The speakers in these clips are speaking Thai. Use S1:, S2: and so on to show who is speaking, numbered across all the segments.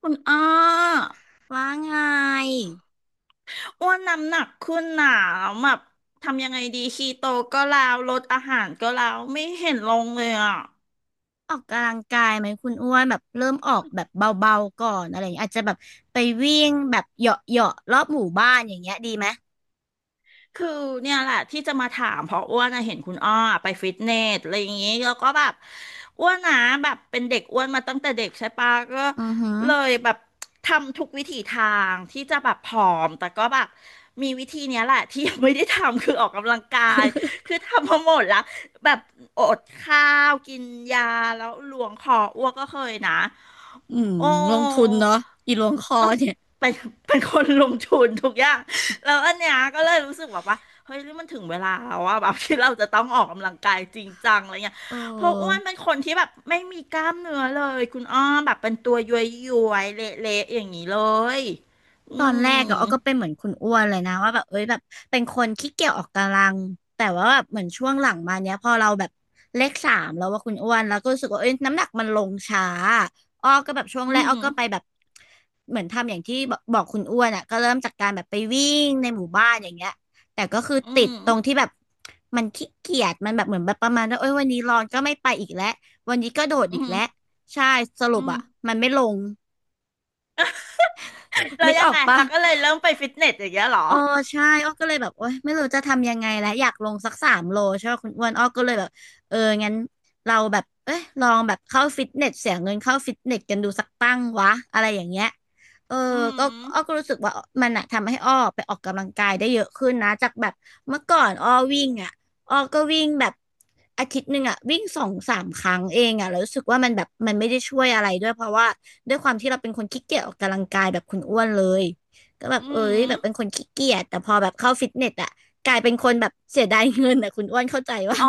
S1: คุณอ้อ
S2: ว่าไง
S1: อ้วนน้ำหนักขึ้นหนาแบบทำยังไงดีคีโตก็แล้วลดอาหารก็แล้วไม่เห็นลงเลยอ่ะ
S2: ออกกำลังกายไหมคุณอ้วนแบบเริ่มออกแบบเบาๆก่อนอะไรอย่างเงี้ยอาจจะแบบไปวิ่งแบบเหยาะเหาะรอบหมู่บ้านอย่างเงี้ยดีไหม
S1: คือเนี่ยแหละที่จะมาถามเพราะอ้วนน่ะเห็นคุณอ้อไปฟิตเนสอะไรอย่างงี้แล้วก็แบบอ้วนนะแบบเป็นเด็กอ้วนมาตั้งแต่เด็กใช่ปะก็
S2: อือหือ
S1: เลยแบบทำทุกวิถีทางที่จะแบบผอมแต่ก็แบบมีวิธีเนี้ยแหละที่ยังไม่ได้ทำคือออกกำลังกายคือทำมาหมดแล้วแบบอดข้าวกินยาแล้วหลวงคออ้วกก็เคยนะ
S2: อืม
S1: โอ้
S2: ลงทุนเนาะอีหลวงคอ
S1: ต้อง
S2: เนี่ย
S1: เป็นเป็นคนลงทุนทุกอย่าง แล้วอันเนี้ยก็เลยรู้สึกแบบว่า เฮ้ยนี่มันถึงเวลาแล้วว่าแบบที่เราจะต้องออกกำลังกายจริงจังอะไรเงี้ย
S2: เออ
S1: เพราะอ้วนเป็นคนที่แบบไม่มีกล้ามเนื้อเลยคุณอ้อมแบบเป็นตัวย้วยย้วยเละๆอย่างนี้เลยอื
S2: ตอนแรกอะ
S1: ม
S2: อ้อก็เป็นเหมือนคุณอ้วนเลยนะว่าแบบเอ้ยแบบเป็นคนขี้เกียจออกกำลังแต่ว่าแบบเหมือนช่วงหลังมาเนี้ยพอเราแบบเลขสามแล้วว่าคุณอ้วนแล้วก็รู้สึกว่าเอ้ยน้ำหนักมันลงช้าอ้อก็แบบช่วง
S1: อื
S2: แรกอ้อ
S1: ม
S2: ก็ไปแบบเหมือนทำอย่างที่บอกบอกคุณอ้วนอะก็เริ่มจากการแบบไปวิ่งในหมู่บ้านอย่างเงี้ยแต่ก็คือ
S1: อื
S2: ติด
S1: ม
S2: ตรงที่แบบมันขี้เกียจมันแบบเหมือนแบบประมาณว่าเอ้ยวันนี้ร้อนก็ไม่ไปอีกแล้ววันนี้ก็โดด
S1: อื
S2: อีกแล้ว
S1: ม
S2: ใช่สรุ
S1: อื
S2: ปอะ
S1: ม
S2: มันไม่ลง
S1: แล้ว
S2: นึก
S1: ยั
S2: อ
S1: ง
S2: อก
S1: ไง
S2: ปะ
S1: เราก็เลยเริ่มไปฟิตเนสอย่างเงี้ยเหรอ
S2: อ๋อใช่อ้อก็เลยแบบโอ๊ยไม่รู้จะทำยังไงแล้วอยากลงสักสามโลใช่ไหมคุณอ้วนอ้อก็เลยแบบเอองั้นเราแบบเอ้ยลองแบบเข้าฟิตเนสเสียเงินเข้าฟิตเนสกันดูสักตั้งวะอะไรอย่างเงี้ยเออ
S1: อื
S2: ก็
S1: ม
S2: อ้อก็รู้สึกว่ามันอะทำให้อ้อไปออกกำลังกายได้เยอะขึ้นนะจากแบบเมื่อก่อนอ้อวิ่งอะอ้อก็วิ่งแบบอาทิตย์หนึ่งอะวิ่งสองสามครั้งเองอะแล้วรู้สึกว่ามันแบบมันไม่ได้ช่วยอะไรด้วยเพราะว่าด้วยความที่เราเป็นคนขี้เกียจออกกำลังกายแบบคุณอ้วนเลย ก็แบบ
S1: อื
S2: เอ้ยแบ
S1: ม
S2: บเป็นคนขี้เกียจแต่พอแบบเข้าฟิตเนสอะกลายเป็นคนแบบเสียดายเงินอะคุณอ้วนเข้าใจว่า
S1: อ๋อ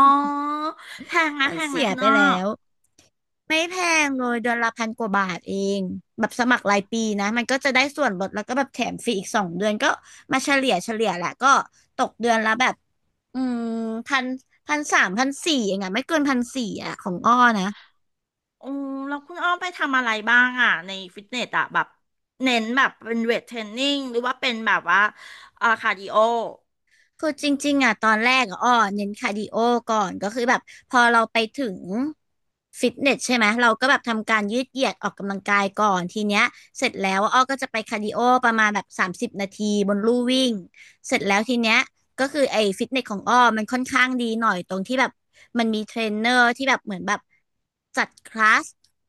S1: แพงไหม
S2: มัน
S1: แพงไห
S2: เสี
S1: ม
S2: ย
S1: คุณ
S2: ไป
S1: อ้อ
S2: แล้วไม่แพงเลยเดือนละพันกว่าบาทเองแบบสมัครรายปีนะมันก็จะได้ส่วนลดแล้วก็แบบแถมฟรีอีกสองเดือนก็มาเฉลี่ยเฉลี่ยแหละก็ตกเดือนละแบบอืมพันพันสามพันสี่เองอะไม่เกินพันสี่อะของอ้อนะ
S1: โอ้แล้วคุณอ้อมไปทำอะไรบ้างอ่ะในฟิตเนสอ่ะแบบเน้นแบบเป็นเวทเทรนนิ่งหรือว่าเป็นแบบว่าคาร์ดิโอ
S2: คือจริงๆอ่ะตอนแรกอะอ้อเน้นคาร์ดิโอก่อนก็คือแบบพอเราไปถึงฟิตเนสใช่ไหมเราก็แบบทำการยืดเหยียดออกกำลังกายก่อนทีเนี้ยเสร็จแล้วอ้อก็จะไปคาร์ดิโอประมาณแบบสามสิบนาทีบนลู่วิ่งเสร็จแล้วทีเนี้ยก็คือไอ้ฟิตเนสของอ้อมันค่อนข้างดีหน่อยตรงที่แบบมันมีเทรนเนอร์ที่แบบเหมือนแบบจัดคลาส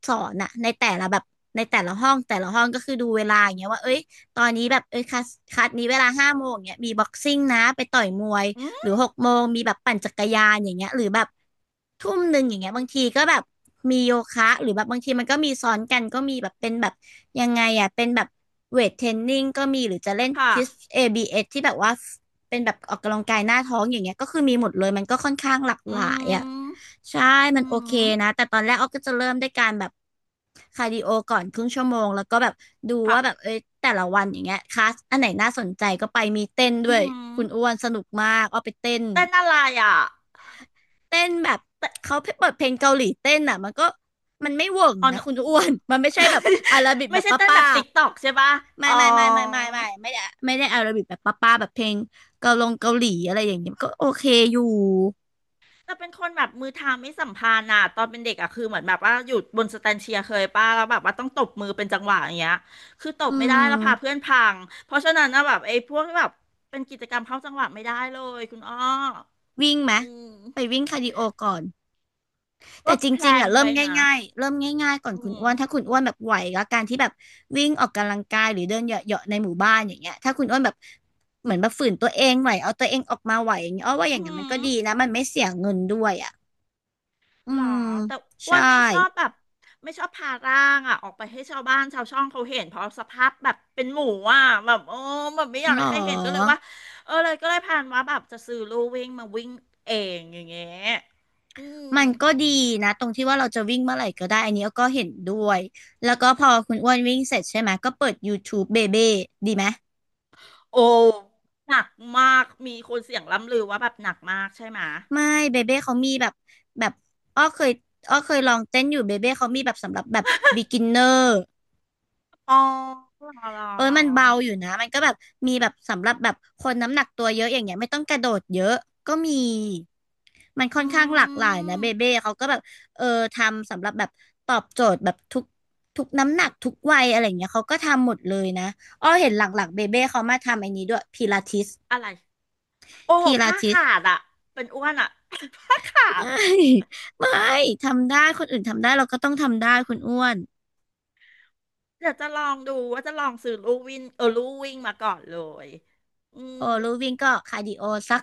S2: สอนอะในแต่ละแบบในแต่ละห้องก็คือดูเวลาอย่างเงี้ยว่าเอ้ย ตอนนี้แบบเอ้ยคลาสนี้เวลาห้าโมงเนี้ยมีบ็อกซิ่งนะไปต่อยมวย
S1: อื
S2: หรือ
S1: ม
S2: หกโมงมีแบบปั่นจักรยานอย่างเงี้ยหรือแบบทุ่มหนึ่งอย่างเงี้ยบางทีก็แบบมีโยคะหรือแบบบางทีมันก็มีซ้อนกันก็มีแบบเป็นแบบยังไงอ่ะเป็นแบบเวทเทรนนิ่งก็มีหรือจะเล่น
S1: ค่ะ
S2: ทิส ABS ที่แบบว่า เป็นแบบออกกำลังกายหน้าท้องอย่างเงี้ยก็คือมีหมดเลยมันก็ค่อนข้างหลาก
S1: อื
S2: หลายอ่ะ
S1: ม
S2: ใช่
S1: อื
S2: มันโอเค
S1: ม
S2: นะแต่ตอนแรกออฟก็จะเริ่มด้วยการแบบคาร์ดิโอก่อนครึ่งชั่วโมงแล้วก็แบบดู
S1: ค่ะ
S2: ว่าแบบเอ้ยแต่ละวันอย่างเงี้ยคลาสอันไหนน่าสนใจก็ไปมีเต้นด้
S1: อื
S2: วย
S1: ม
S2: คุณอ้วนสนุกมากออฟไปเต้น
S1: เต้นอะไรอ่ะ
S2: เต้นแบบ
S1: เต้น
S2: เขาเปิดเพลงเกาหลีเต้นอ่ะมันก็มันไม่เวิร์ก
S1: อ๋อ
S2: นะคุณอ้วนมันไม่ใช่แบบ อาราบิกแบ
S1: ไม่
S2: บ
S1: ใช่เต้นแบ
S2: ป้า
S1: บติ๊กตอกใช่ปะอ๋อ
S2: ไม่ได้อาราบิกแบบป้าๆแบบเพลงเกาลงเกาหลีอะไรอย่างเงี้ยก็โอเคอยู่
S1: แต่เป็นคนแบบมือเทาไม่สัมพันธ์อ่ะตอนเป็นเด็กอ่ะคือเหมือนแบบว่าอยู่บนสแตนเชียร์เคยป้าแล้วแบบว่าต้องตบมือเป็นจังหวะอย่างเงี้ยคือต
S2: อื
S1: บไม่ได้แล้วพาเพื่
S2: ม
S1: อนพังเพราะฉะนั้นนะแบบไอ้พวกแบบเป็นกิจกรรมเข้าจังหวะไม่ได้เลยคุณอ้อ
S2: วิ่งไหม
S1: อืม
S2: ไปวิ่งคาร์ดิโอก่อน
S1: ก็
S2: แต่จ
S1: แพล
S2: ริงๆ
S1: น
S2: อ่ะเริ่ม
S1: ไว้นะ
S2: ง่ายๆเริ่มง่ายๆก่อน
S1: อื
S2: คุณอ้
S1: ม
S2: วนถ้าคุณอ้วนแบบไหวกับการที่แบบวิ่งออกกำลังกายหรือเดินเหยาะๆในหมู่บ้านอย่างเงี้ยถ้าคุณอ้วนแบบเหมือนแบบฝืนตัวเองไหวเอาตัวเองออกมาไหวอย่างเงี้ยอ้อว่าอย่า
S1: อื
S2: งเงี้ยมันก็
S1: ม
S2: ดีนะมันไม่เสียเงินด้วยอ่ะอื
S1: หรอ
S2: ม
S1: แต่อ้ว
S2: ใช่
S1: นไม่ชอบแบบไม่ชอบพาร่างอ่ะออกไปให้ชาวบ้านชาวช่องเขาเห็นเพราะสภาพแบบเป็นหมูอ่ะแบบโอ้แบบไม่อยา
S2: ห
S1: ก
S2: รอ
S1: ให้ใครเห็นก็เลยว่าเออเลยก็เลยพานว่าแบบจะซื้อลู่วิ่งมาวิ่งเองอย่างเงี้ยอืม
S2: มันก็ดีนะตรงที่ว่าเราจะวิ่งเมื่อไหร่ก็ได้อันนี้ก็เห็นด้วยแล้วก็พอคุณอ้วนวิ่งเสร็จใช่ไหมก็เปิด YouTube เบเบ้ดีไหม
S1: โอ้หนักมากมีคนเสียงล่ำลือว่าแบบหนักมากใช่ไหม
S2: ไม่เบเบ้เขามีแบบแบบอ้อเคยอ้อเคยลองเต้นอยู่เบเบ้เขามีแบบสำหรับแบบ beginner
S1: อ๋อหรอหรอ
S2: เออ
S1: หรอ
S2: มันเบาอยู่นะมันก็แบบมีแบบสำหรับแบบคนน้ำหนักตัวเยอะอย่างเงี้ยไม่ต้องกระโดดเยอะก็มีมันค่อน
S1: อื
S2: ข้างหลากหลายนะ
S1: ม
S2: เบเบ้เขาก็แบบเออทำสำหรับแบบตอบโจทย์แบบทุกน้ำหนักทุกวัยอะไรเงี้ยเขาก็ทำหมดเลยนะอ้อเห็นหลังๆเบเบ้เขามาทำไอ้นี้ด้วยพิลาทิส
S1: อะไรโอ้โห
S2: พิลา
S1: ผ้า
S2: ทิส
S1: ขาดอะเป็นอ้วนอะ ผ้าขาด
S2: ไม่ไม่ทำได้คนอื่นทำได้เราก็ต้องทำได้คุณอ้วน
S1: เดี๋ยวจะลองดูว่าจะลองซื้อลู่วิ่งเออลู่วิ่งมาก่อนเลยอืม
S2: โอ้ลูวิ่งก็คาร์ดิโอสัก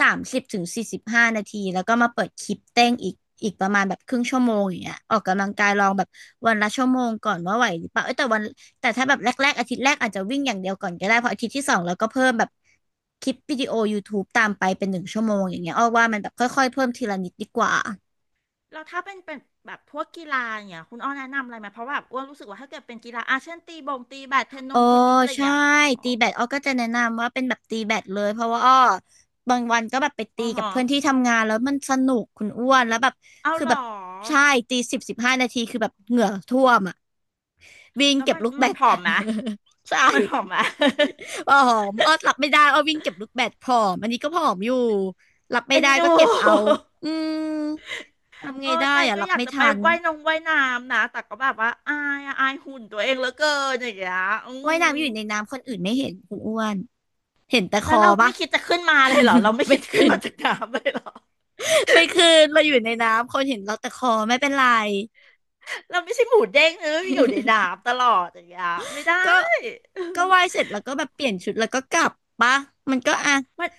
S2: 30 ถึง 45 นาทีแล้วก็มาเปิดคลิปเต้นอีกอีกประมาณแบบครึ่งชั่วโมงอย่างเงี้ยออกกำลังกายลองแบบวันละชั่วโมงก่อนว่าไหวหรือเปล่าเอ้ยแต่ถ้าแบบแรกๆอาทิตย์แรกอาจจะวิ่งอย่างเดียวก่อนก็ได้เพราะอาทิตย์ที่สองเราก็เพิ่มแบบคลิปวิดีโอยูทูบ e ตามไปเป็น1 ชั่วโมงอย่างเงี้ยอ้อว่ามันแบบค่อยๆเพิ่มทีละนิดดีกว่า
S1: แล้วถ้าเป็นแบบพวกกีฬาอย่างเงี้ยคุณอ้อแนะนำอะไรไหมเพราะแบบอ้วนรู้สึกว่าถ้าเกิดเป็นกีฬาอาเช่นตีบงตีแบดเทนน
S2: โอ้
S1: งเทนนิสอะไร
S2: ใช่
S1: เงี้ยอ๋อ
S2: ตีแบดอ้อก็จะแนะนำว่าเป็นแบบตีแบดเลยเพราะว่าอ้อบางวันก็แบบไป
S1: อ๋
S2: ตี
S1: อ
S2: กับ
S1: ฮะ
S2: เพื่อนที่ทำงานแล้วมันสนุกคุณอ้วนแล้วแบบ
S1: เอา
S2: คือ
S1: เหร
S2: แบบ
S1: อ
S2: ใช่ตี10-15 นาทีคือแบบเหงื่อท่วมอ่ะวิ่ง
S1: แล้ว
S2: เก็บ
S1: มัน
S2: ลูกแบ
S1: มัน
S2: ด
S1: ผอมไหม
S2: ใช่
S1: มันผอมไหม
S2: ผอมอ้อรับไม่ได้อ้อวิ่งเก็บลูกแบดผอมอันนี้ก็ผอมอยู่รับไม่
S1: เอ็น
S2: ได้ก็
S1: ดู
S2: เก็บเอาอืมทำไง
S1: เออ
S2: ได้
S1: ใจ
S2: อ่ะ
S1: ก็
S2: รับ
S1: อยาก
S2: ไม่
S1: จะไป
S2: ทัน
S1: ว่ายนงว่ายน้ำนะแต่ก็แบบว่าอายอะอายหุ่นตัวเองเหลือเกินอย่างเงี้ยอื
S2: ว่าย
S1: ม
S2: น้ำอยู่ในน้ำคนอื่นไม่เห็นคุณอ้วนเห็นแต่ค
S1: แล้ว
S2: อ
S1: เรา
S2: ปะ
S1: ไม่คิดจะขึ้นมาเลยเหรอเราไม่
S2: ไม่
S1: คิดจะขึ้
S2: ขึ้
S1: น
S2: น
S1: มาจากน้ำเลยเหรอ
S2: ไปคืนเราอยู่ในน้ำคนเห็นเราแต่คอไม่เป็นไร
S1: เราไม่ใช่หมูเด้งเอออยู่ใน น้ำตลอดอย่างเงี้ยไม่ได้
S2: ก็ไหวายเสร็จแล้วก็แบบเปลี่ยนชุดแล้วก็กลับปะมันก็อ่ะ
S1: มัน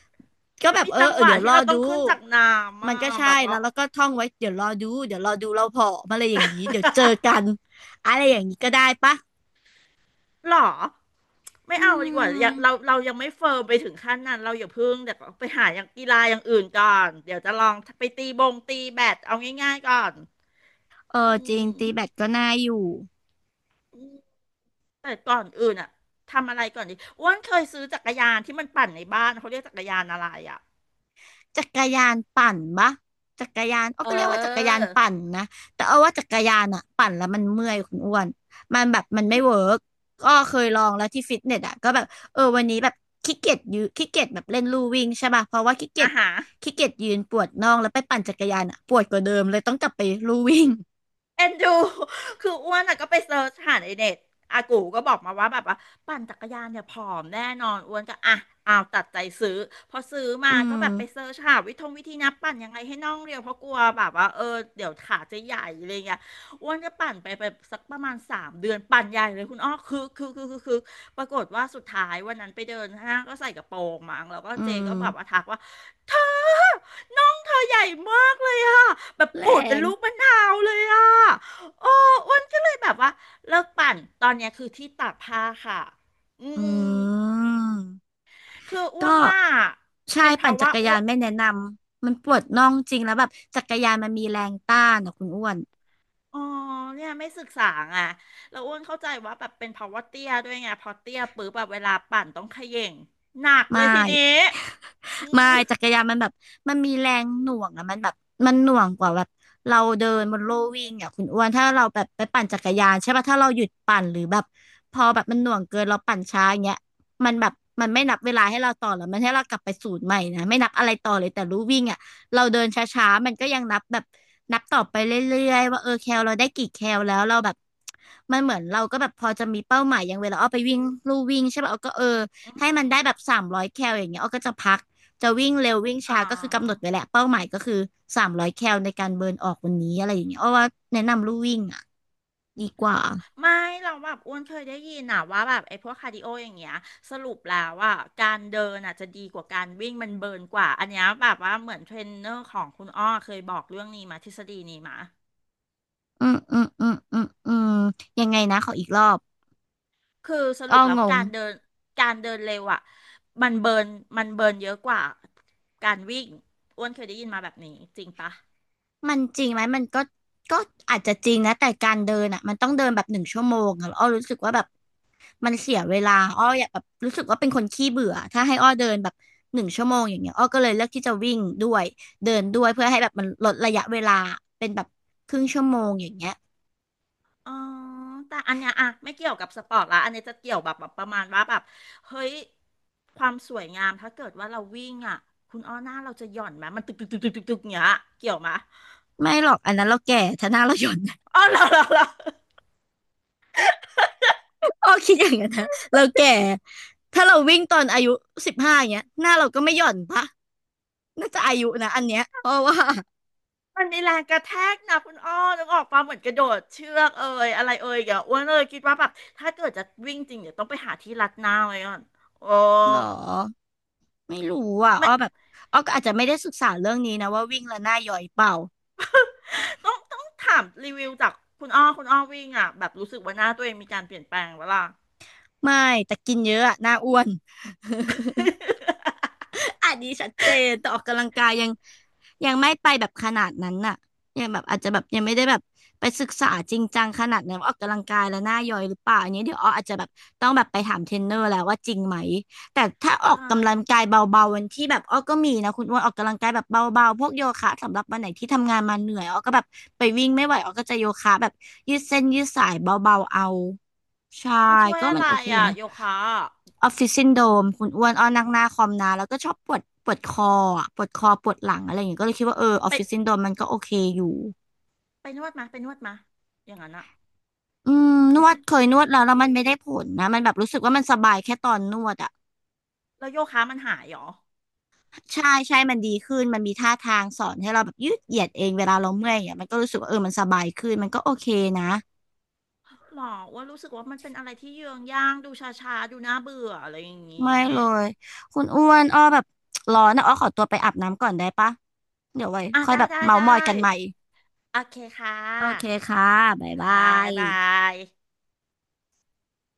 S2: ก็
S1: มัน
S2: แบบ
S1: มี
S2: เอ
S1: จั
S2: อ
S1: ง
S2: เอ
S1: ห
S2: อ
S1: วะ
S2: เดี๋ยว
S1: ที่
S2: รอ
S1: เราต้อง
S2: ดู
S1: ขึ้นจากน้ำ
S2: มั
S1: อ่ะ
S2: นก็
S1: แบ
S2: ใช่
S1: บว่า
S2: แล้วแล้วก็ท่องไว้เดี๋ยวรอดูเดี๋ยวรอดูเราผอมอะไรอย่างนี้เดี๋ยวเจอกันอะไรอย่างนี้ก็ได้ปะ
S1: หรอไม่
S2: อื
S1: เอาดีกว่าอ
S2: ม
S1: ย่าเราเรายังไม่เฟิร์มไปถึงขั้นนั้นเราอย่าเพิ่งเดี๋ยวไปหาอย่างกีฬาอย่างอื่นก่อนเดี๋ยวจะลองไปตีบงตีแบดเอาง่ายๆก่อน
S2: เอ
S1: อื
S2: อจริง
S1: ม
S2: ตีแบตก็น่าอยู่
S1: อืมแต่ก่อนอื่นอ่ะทำอะไรก่อนดีอ้วนเคยซื้อจักรยานที่มันปั่นในบ้านเขาเรียกจักรยานอะไรอ่ะ
S2: จักรยานปั่นปะจักรยานอ้อ
S1: เอ
S2: ก็เรียกว่าจักรยา
S1: อ
S2: นปั่นนะแต่เอาว่าจักรยานอะปั่นแล้วมันเมื่อยคุณอ้วนมันแบบมันไม่
S1: คือ
S2: เวิร์กก็เคยลองแล้วที่ฟิตเนสอะก็แบบเออวันนี้แบบขี้เกียจยืนขี้เกียจแบบเล่นลู่วิ่งใช่ป่ะเพราะว่าขี้เกีย
S1: อ่ะ
S2: จ
S1: ฮะ
S2: ขี้เกียจยืนปวดน่องแล้วไปปั่นจักรยานอะปวดกว่าเดิมเลยต้องกลับไปลู่วิ่ง
S1: เอ็นดู คืออ้วนอะก็ไปเซิร์ชหาในเน็ตอากูก็บอกมาว่าแบบว่าปั่นจักรยานเนี่ยผอมแน่นอนอ้วนก็อ่ะเอาวตัดใจซื้อพอซื้อ
S2: อื
S1: มาก็แบบไป
S2: ม
S1: เซิร์ชหาวิธงวิธีนับปั่นยังไงให้น่องเรียวเพราะกลัวแบบว่าเออเดี๋ยวขาจะใหญ่อะไรเงี้ยอ้วนก็ปั่นไปสักประมาณสามเดือนปั่นใหญ่เลยคุณอ้อคือปรากฏว่าสุดท้ายวันนั้นไปเดินห้างก็ใส่กระโปรงมั้งแล้วก็
S2: อื
S1: เจก็
S2: ม
S1: แบบว่าทักว่า เธอน้องเธอใหญ่มากเลยอะแบบ
S2: แร
S1: ปูดเป็น
S2: ง
S1: ลูกมะนาวเลยอะโอ้อ้วนก็เลยแบบว่าเลิกปั่นตอนเนี้ยคือที่ตากผ้าค่ะอื
S2: อื
S1: ม
S2: ม
S1: คืออ้วน
S2: ก็
S1: ว่า
S2: ใช่
S1: เป็นเพ
S2: ปั่น
S1: ราะ
S2: จั
S1: ว่า
S2: กร
S1: อ้
S2: ยา
S1: ว
S2: น
S1: น
S2: ไม่แนะนำมันปวดน่องจริงแล้วแบบจักรยานมันมีแรงต้านนะคุณอ้วน
S1: อ๋อเนี่ยไม่ศึกษาไงแล้วอ้วนเข้าใจว่าแบบเป็นเพราะว่าเตี้ยด้วยไงพอเตี้ยปุ๊บแบบเวลาปั่นต้องเขย่งหนักเล
S2: ไม่
S1: ยทีนี้อื
S2: ไม่
S1: ม
S2: จักรยานมันแบบมันมีแรงหน่วงอะมันแบบมันหน่วงกว่าแบบเราเดินบนโลวิ่งอะคุณอ้วนถ้าเราแบบไปปั่นจักรยานใช่ป่ะถ้าเราหยุดปั่นหรือแบบพอแบบมันหน่วงเกินเราปั่นช้าอย่างเงี้ยมันแบบมันไม่นับเวลาให้เราต่อหรอกมันให้เรากลับไปศูนย์ใหม่นะไม่นับอะไรต่อเลยแต่รู้วิ่งอะเราเดินช้าๆมันก็ยังนับแบบต่อไปเรื่อยๆว่าเออแคลเราได้กี่แคลแล้วเราแบบมันเหมือนเราก็แบบพอจะมีเป้าหมายอย่างเวลาเอาไปวิ่งลู่วิ่งใช่ป่ะเอาก็เออให้มันได้แบบสามร้อยแคลอย่างเงี้ยเอาก็จะพัก จะวิ่งเร็ววิ่ง
S1: อ๋อ
S2: ช้าก็คือกำหนดไว้แหละเป้าหมายก็คือสามร้อยแคลในการเบิร์นออกวันนี้อะไรอย่างเงี้ยอาว่าแนะนำลู่วิ่งอ่ะดีกว่า
S1: อ๋อไม่เราแบบอ้วนเคยได้ยินนะว่าแบบไอ้พวกคาร์ดิโออย่างเงี้ยสรุปแล้วว่าการเดินอ่ะจะดีกว่าการวิ่งมันเบิร์นกว่าอันเนี้ยแบบว่าเหมือนเทรนเนอร์ของคุณอ้อเคยบอกเรื่องนี้มาทฤษฎีนี้มา
S2: อืมอืมอืมอืมอืมยังไงนะขออีกรอบ
S1: คือส
S2: อ้
S1: รุ
S2: อ
S1: ป
S2: ง
S1: แล้ว
S2: ง
S1: การเดินการเดินเร็วอ่ะมันเบิร์นมันเบิร์นเยอะกว่าการวิ่งอ้วนเคยได้ยินมาแบบนี้จริงปะ
S2: มันจริงไหมมันก็ก็อาจจะจริงนะแต่การเดินอ่ะมันต้องเดินแบบหนึ่งชั่วโมงอะแล้วอ้อรู้สึกว่าแบบมันเสียเวลาอ้ออยากแบบรู้สึกว่าเป็นคนขี้เบื่อถ้าให้อ้อเดินแบบหนึ่งชั่วโมงอย่างเงี้ยอ้อก็เลยเลือกที่จะวิ่งด้วยเดินด้วยเพื่อให้แบบมันลดระยะเวลาเป็นแบบครึ่งชั่วโมงอย่างเงี้ย
S1: อ๋อแต่อันเนี้ยอะไม่เกี่ยวกับสปอร์ตละอันเนี้ยจะเกี่ยวแบบแบบประมาณว่าแบบเฮ้ยความสวยงามถ้าเกิดว่าเราวิ่งอะคุณอ้อหน้าเราจะหย่อนไหมมันตึกตึกตึกตึกตึกตึกเนี้ยเกี่ยวไหม
S2: ไม่หรอกอันนั้นเราแก่ถ้าหน้าเราหย่อน
S1: อ๋อเหรอเหรอเหรอ
S2: อ้อ คิดอย่างนั้นนะเราแก่ถ้าเราวิ่งตอนอายุสิบห้าอย่างเงี้ยหน้าเราก็ไม่หย่อนปะน่าจะอายุนะอันเนี้ยเพราะว่า
S1: มันมีแรงกระแทกนะคุณอ้อต้องออกมาเหมือนกระโดดเชือกเอ่ยอะไรเอ่ยอย่าอ้วนเอ่ยคิดว่าแบบถ้าเกิดจะวิ่งจริงเดี๋ยวต้องไปหาที่รัดหน้าไว้ก่อนโอ้
S2: หรอไม่รู้อ่ะอ้
S1: ไม่
S2: อแบบอ้อก็อาจจะไม่ได้ศึกษาเรื่องนี้นะว่าวิ่งแล้วหน้าหย่อยเปล่า
S1: ต้องต้องถามรีวิวจากคุณอ้อคุณอ้อวิ่งอะแบบรู้สึกว่าหน้าตัวเองมีการเปลี่ยนแปลงเวลาล
S2: ไม่แต่กินเยอะอะหน้าอ้วน
S1: ่ะ
S2: อันนี้ชัดเจนแต่ออกกำลังกายยังไม่ไปแบบขนาดนั้นน่ะยังแบบอาจจะแบบยังไม่ได้แบบไปศึกษาจริงจังขนาดนั้นว่าออกกำลังกายแล้วหน้าย่อยหรือเปล่าอันนี้เดี๋ยวอออาจจะแบบต้องแบบไปถามเทรนเนอร์แล้วว่าจริงไหมแต่ถ้าออก
S1: ใช่
S2: กำลังกายเบาๆวันที่แบบอ้อก็มีนะคุณอ้วนออกกำลังกายแบบเบาๆพวกโยคะสำหรับวันไหนที่ทำงานมาเหนื่อยอ้อก็แบบไปวิ่งไม่ไหวอ้อก็จะโยคะแบบยืดเส้นยืดสายเบาๆเอาใช่
S1: มันช่วย
S2: ก็
S1: อะ
S2: มัน
S1: ไร
S2: โอเค
S1: อ่ะ
S2: นะ
S1: โยคะอะ
S2: ออฟฟิศซินโดรมคุณอ้วนอ้อนั่งหน้าคอมนานแล้วก็ชอบปวดปวดคออ่ะปวดคอปวดหลังอะไรอย่างเงี้ยก็เลยคิดว่าเออออฟฟิศ
S1: ไป
S2: ซินโดรมมันก็โอเคอยู่
S1: ไปนวดมาอย่างนั้นอะ
S2: อืมน วดเคยนวดแล้วแล้วมันไม่ได้ผลนะมันแบบรู้สึกว่ามันสบายแค่ตอนนวดอ่ะ
S1: แล้วโยคะมันหายเหรอ
S2: ใช่ใช่มันดีขึ้นมันมีท่าทางสอนให้เราแบบยืดเหยียดเองเวลาเราเมื่อยอ่ะมันก็รู้สึกว่าเออมันสบายขึ้นมันก็โอเคนะ
S1: หรอว่ารู้สึกว่ามันเป็นอะไรที่เยืองย่างดูชาชาดูน่าเบื่ออะไรอย่าง
S2: ไม่
S1: งี้
S2: เลยคุณอ้วนอ้อแบบร้อนนะอ้อขอตัวไปอาบน้ำก่อนได้ปะเดี๋ยวไว้
S1: อ่ะ
S2: ค่อย
S1: ได้
S2: แบบ
S1: ได้
S2: เมา
S1: ได้
S2: มอยกันใหม่
S1: โอเคค่
S2: โอเค
S1: ะ
S2: ค่ะบ๊ายบา
S1: ค่ะบ๊า
S2: ย
S1: ยบาย